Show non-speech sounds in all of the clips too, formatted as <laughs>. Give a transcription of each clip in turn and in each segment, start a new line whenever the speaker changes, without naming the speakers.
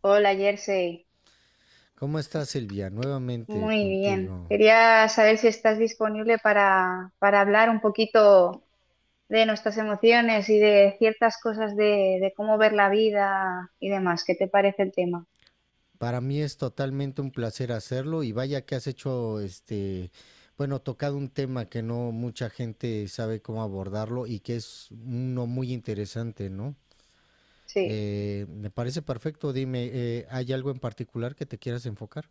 Hola, Jersey.
¿Cómo estás, Silvia? Nuevamente
Muy bien.
contigo.
Quería saber si estás disponible para, hablar un poquito de nuestras emociones y de ciertas cosas de, cómo ver la vida y demás. ¿Qué te parece el tema?
Para mí es totalmente un placer hacerlo y vaya que has hecho bueno, tocado un tema que no mucha gente sabe cómo abordarlo y que es uno muy interesante, ¿no?
Sí.
Me parece perfecto. Dime, ¿hay algo en particular que te quieras enfocar?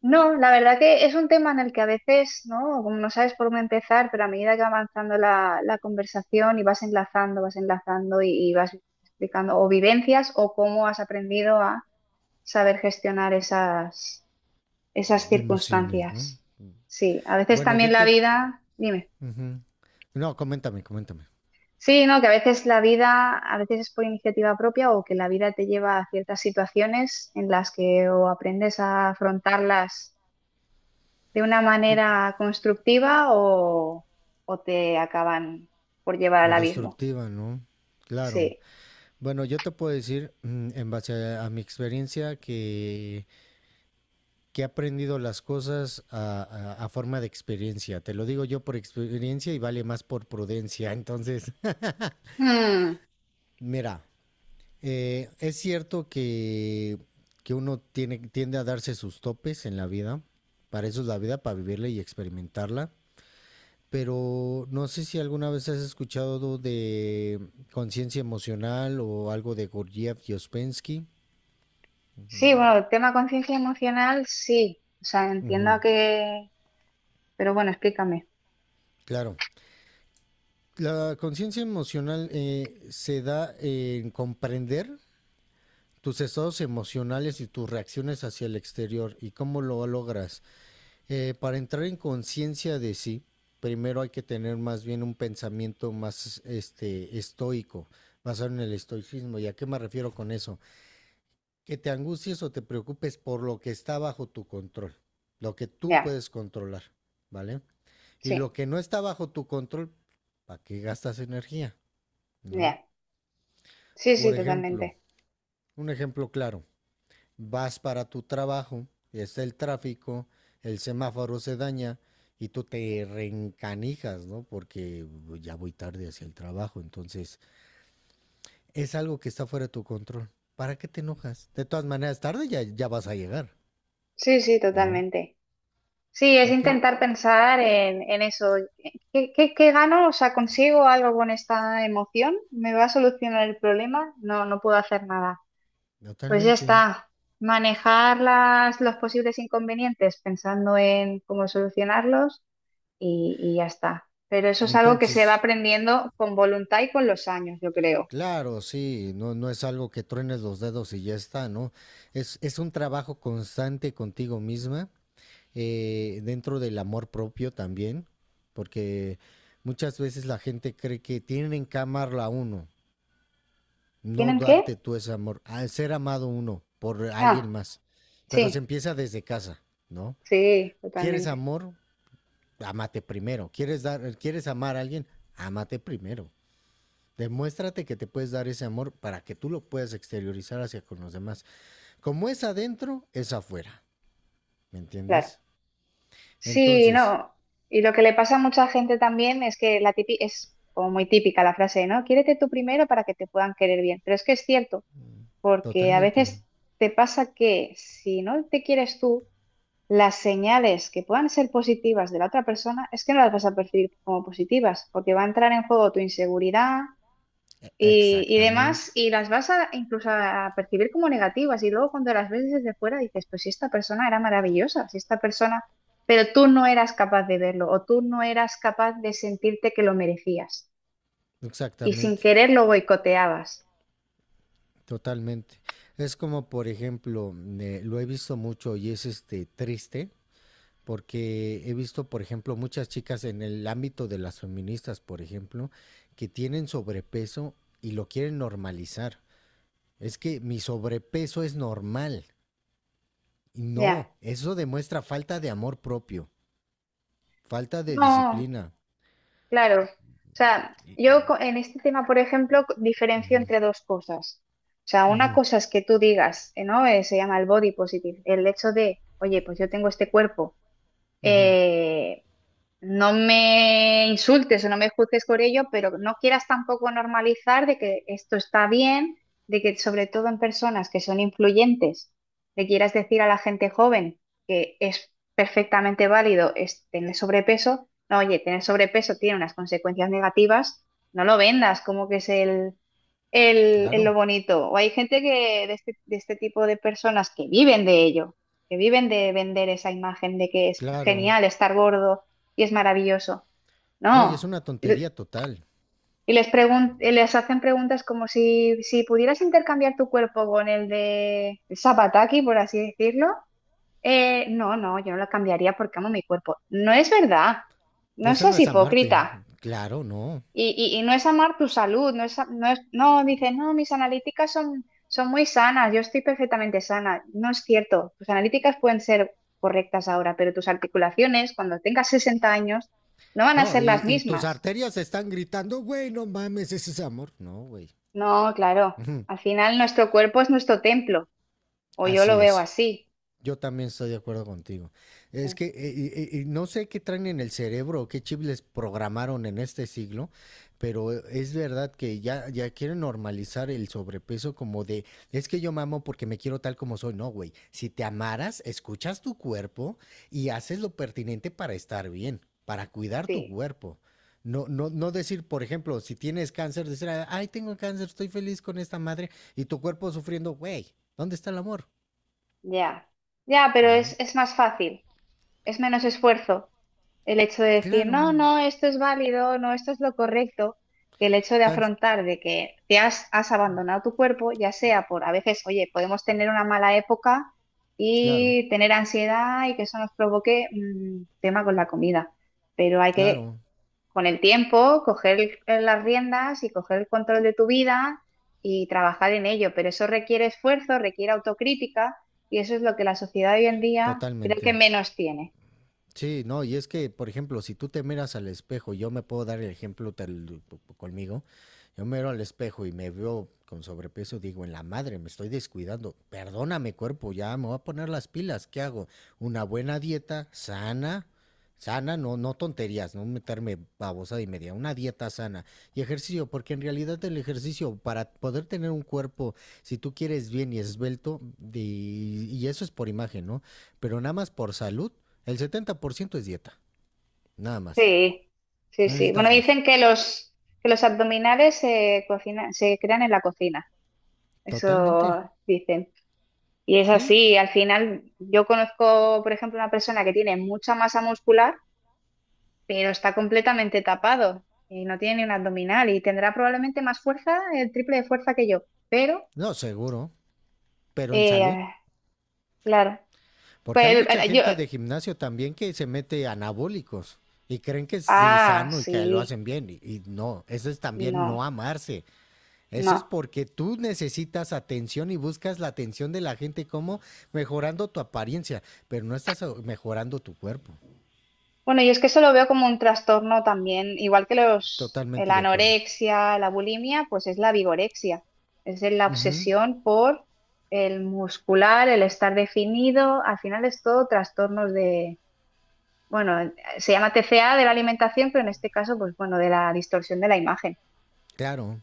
No, la verdad que es un tema en el que a veces, ¿no? Como no sabes por dónde empezar, pero a medida que va avanzando la, conversación y vas enlazando y vas explicando o vivencias o cómo has aprendido a saber gestionar esas
Emociones, ¿no?
circunstancias. Sí, a veces
Bueno, yo
también la
te...
vida, dime.
ujú. No, coméntame, coméntame.
Sí, no, que a veces la vida, a veces es por iniciativa propia o que la vida te lleva a ciertas situaciones en las que o aprendes a afrontarlas de una
Pu-
manera constructiva o te acaban por llevar al
O
abismo.
destructiva, ¿no? Claro.
Sí.
Bueno, yo te puedo decir, en base a mi experiencia, que he aprendido las cosas a forma de experiencia. Te lo digo yo por experiencia y vale más por prudencia. Entonces, <laughs>
Mm,
mira, es cierto que uno tiene, tiende a darse sus topes en la vida. Para eso es la vida, para vivirla y experimentarla. Pero no sé si alguna vez has escuchado de conciencia emocional o algo de Gurdjieff y Ospensky.
sí, bueno, el tema conciencia emocional, sí. O sea, entiendo
Ujú.
que… Pero bueno, explícame.
Claro. La conciencia emocional se da en comprender tus estados emocionales y tus reacciones hacia el exterior y cómo lo logras. Para entrar en conciencia de sí, primero hay que tener más bien un pensamiento más estoico, basado en el estoicismo. ¿Y a qué me refiero con eso? Que te angusties o te preocupes por lo que está bajo tu control, lo que tú
Ya,
puedes controlar, ¿vale? Y lo
sí,
que no está bajo tu control, ¿para qué gastas energía? ¿No?
ya. Sí, sí,
Por ejemplo,
totalmente.
un ejemplo claro, vas para tu trabajo, está el tráfico, el semáforo se daña y tú te reencanijas, ¿no? Porque ya voy tarde hacia el trabajo, entonces es algo que está fuera de tu control. ¿Para qué te enojas? De todas maneras, tarde ya vas a llegar,
Sí, sí,
¿no?
totalmente. Sí, es
¿Para qué?
intentar pensar en eso. ¿Qué gano? O sea, ¿consigo algo con esta emoción? ¿Me va a solucionar el problema? No, no puedo hacer nada. Pues ya
Totalmente.
está. Manejar las, los posibles inconvenientes pensando en cómo solucionarlos y ya está. Pero eso es algo que se va
Entonces,
aprendiendo con voluntad y con los años, yo creo.
claro, sí, no, no es algo que truenes los dedos y ya está, ¿no? Es un trabajo constante contigo misma dentro del amor propio también, porque muchas veces la gente cree que tienen que amarla a uno, no
¿Tienen qué?
darte tú ese amor, al ser amado uno por alguien
Ah,
más, pero se
sí,
empieza desde casa, ¿no?
sí,
¿Quieres
totalmente.
amor? Ámate primero. ¿Quieres, dar, ¿Quieres amar a alguien? Ámate primero. Demuéstrate que te puedes dar ese amor para que tú lo puedas exteriorizar hacia con los demás. Como es adentro, es afuera. ¿Me
Claro.
entiendes?
Sí,
Entonces,
no. Y lo que le pasa a mucha gente también es que la es como muy típica la frase, ¿no? Quiérete tú primero para que te puedan querer bien. Pero es que es cierto, porque a
totalmente.
veces te pasa que si no te quieres tú, las señales que puedan ser positivas de la otra persona es que no las vas a percibir como positivas, porque va a entrar en juego tu inseguridad, y
Exactamente,
demás, y las vas a incluso a percibir como negativas, y luego cuando las ves desde fuera dices, pues si esta persona era maravillosa, si esta persona, pero tú no eras capaz de verlo, o tú no eras capaz de sentirte que lo merecías, y sin
exactamente,
querer lo boicoteabas.
totalmente. Es como, por ejemplo, lo he visto mucho y es triste porque he visto, por ejemplo, muchas chicas en el ámbito de las feministas, por ejemplo, que tienen sobrepeso y lo quieren normalizar. Es que mi sobrepeso es normal. Y
Ya.
no, eso demuestra falta de amor propio, falta de
No,
disciplina.
claro. O sea, en este tema, por ejemplo, diferencio entre dos cosas. O sea, una
Ujú,
cosa es que tú digas, ¿no? Se llama el body positive, el hecho de, oye, pues yo tengo este cuerpo.
ujú.
eh, No me insultes o no me juzgues por ello, pero no quieras tampoco normalizar de que esto está bien, de que sobre todo en personas que son influyentes, le quieras decir a la gente joven que es perfectamente válido es tener sobrepeso. No, oye, tener sobrepeso tiene unas consecuencias negativas, no lo vendas como que es el lo
Claro,
bonito. O hay gente que de este, tipo de personas que viven de ello, que viven de vender esa imagen de que es
claro.
genial estar gordo y es maravilloso.
No, y es
No.
una
Y
tontería total.
y les hacen preguntas como si, si pudieras intercambiar tu cuerpo con el de Zapataki, por así decirlo. No, no, yo no lo cambiaría porque amo mi cuerpo. No es verdad.
De
No
eso no
seas
es amarte.
hipócrita.
Claro, no.
Y no es amar tu salud, no es, a- no es, no, dices no, mis analíticas son, son muy sanas, yo estoy perfectamente sana. No es cierto, tus analíticas pueden ser correctas ahora, pero tus articulaciones, cuando tengas 60 años, no van a
No,
ser las
y tus
mismas.
arterias están gritando, güey, no mames, ese es amor. No, güey.
No, claro,
Ujú.
al final nuestro cuerpo es nuestro templo, o yo lo
Así
veo
es.
así.
Yo también estoy de acuerdo contigo. Es
Eh,
que no sé qué traen en el cerebro, o qué chip les programaron en este siglo, pero es verdad que ya quieren normalizar el sobrepeso como de, es que yo mamo porque me quiero tal como soy. No, güey, si te amaras, escuchas tu cuerpo y haces lo pertinente para estar bien, para cuidar tu
Sí,
cuerpo. No, no, no decir, por ejemplo, si tienes cáncer, decir, ay, tengo cáncer, estoy feliz con esta madre y tu cuerpo sufriendo, güey, ¿dónde está el amor?
ya, ya, pero
No.
es más fácil, es menos esfuerzo. El hecho de decir, no,
Claro.
no, esto es válido, no, esto es lo correcto, que el hecho de
Tan,
afrontar de que te has abandonado tu cuerpo, ya sea por, a veces, oye, podemos tener una mala época
claro,
y tener ansiedad y que eso nos provoque tema con la comida, pero hay que,
claro,
con el tiempo, coger las riendas y coger el control de tu vida y trabajar en ello, pero eso requiere esfuerzo, requiere autocrítica y eso es lo que la sociedad hoy en día creo que
totalmente.
menos tiene.
Sí, no, y es que, por ejemplo, si tú te miras al espejo, yo me puedo dar el ejemplo tal, conmigo, yo me miro al espejo y me veo con sobrepeso, digo, en la madre, me estoy descuidando, perdóname cuerpo, ya me voy a poner las pilas, ¿qué hago? Una buena dieta sana, sana, no, no tonterías, no meterme babosada y media, una dieta sana y ejercicio, porque en realidad el ejercicio, para poder tener un cuerpo, si tú quieres bien y esbelto, y eso es por imagen, ¿no? Pero nada más por salud el 70% es dieta, nada más.
Sí,
No
sí. Bueno,
necesitas más.
dicen que los abdominales se cocinan, se crean en la cocina,
Totalmente,
eso dicen. Y es
sí.
así, al final yo conozco, por ejemplo, una persona que tiene mucha masa muscular, pero está completamente tapado y no tiene ni un abdominal y tendrá probablemente más fuerza, el triple de fuerza que yo. Pero,
No, seguro. Pero en salud.
eh, claro,
Porque hay
pues,
mucha
eh, yo,
gente de gimnasio también que se mete anabólicos y creen que es
ah,
sano y que lo
sí,
hacen bien. Y no, eso es también
no,
no amarse. Eso es
no.
porque tú necesitas atención y buscas la atención de la gente como mejorando tu apariencia, pero no estás mejorando tu cuerpo.
Bueno, yo es que eso lo veo como un trastorno también, igual que los,
Totalmente
la
de acuerdo.
anorexia, la bulimia, pues es la vigorexia, es de la
Ujú.
obsesión por el muscular, el estar definido, al final es todo trastornos de, bueno, se llama TCA de la alimentación, pero en este caso, pues bueno, de la distorsión de la imagen.
Claro.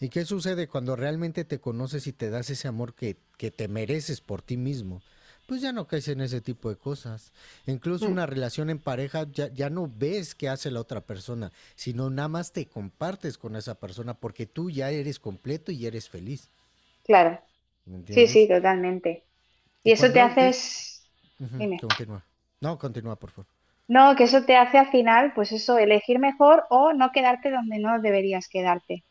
¿Y qué sucede cuando realmente te conoces y te das ese amor que te mereces por ti mismo? Pues ya no caes en ese tipo de cosas. Incluso
Mm,
una relación en pareja ya no ves qué hace la otra persona, sino nada más te compartes con esa persona porque tú ya eres completo y eres feliz.
claro,
¿Me
sí, sí,
entiendes?
totalmente.
Y
Y eso te
cuando
hace,
es... Ujú,
dime,
continúa. No, continúa, por favor.
no, que eso te hace al final, pues eso, elegir mejor o no quedarte donde no deberías quedarte.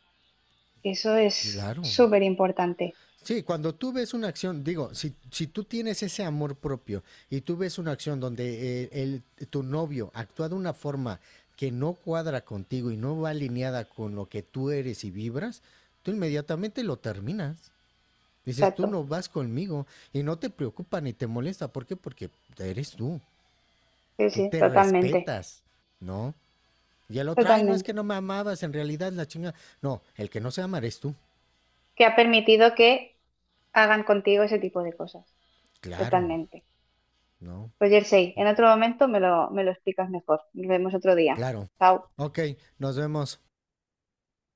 Eso es
Claro.
súper importante.
Sí, cuando tú ves una acción, digo, si tú tienes ese amor propio y tú ves una acción donde tu novio actúa de una forma que no cuadra contigo y no va alineada con lo que tú eres y vibras, tú inmediatamente lo terminas. Dices, tú
Exacto.
no vas conmigo y no te preocupa ni te molesta. ¿Por qué? Porque eres tú,
Sí,
tú
sí,
te
totalmente.
respetas, ¿no? Y el otro, ay, no es que
Totalmente.
no me amabas, en realidad la chinga. No, el que no se ama eres tú.
Que ha permitido que hagan contigo ese tipo de cosas.
Claro,
Totalmente.
¿no?
Pues Jersey, en
Y,
otro momento me lo explicas mejor. Nos vemos otro día.
claro.
Chao.
Ok, nos vemos.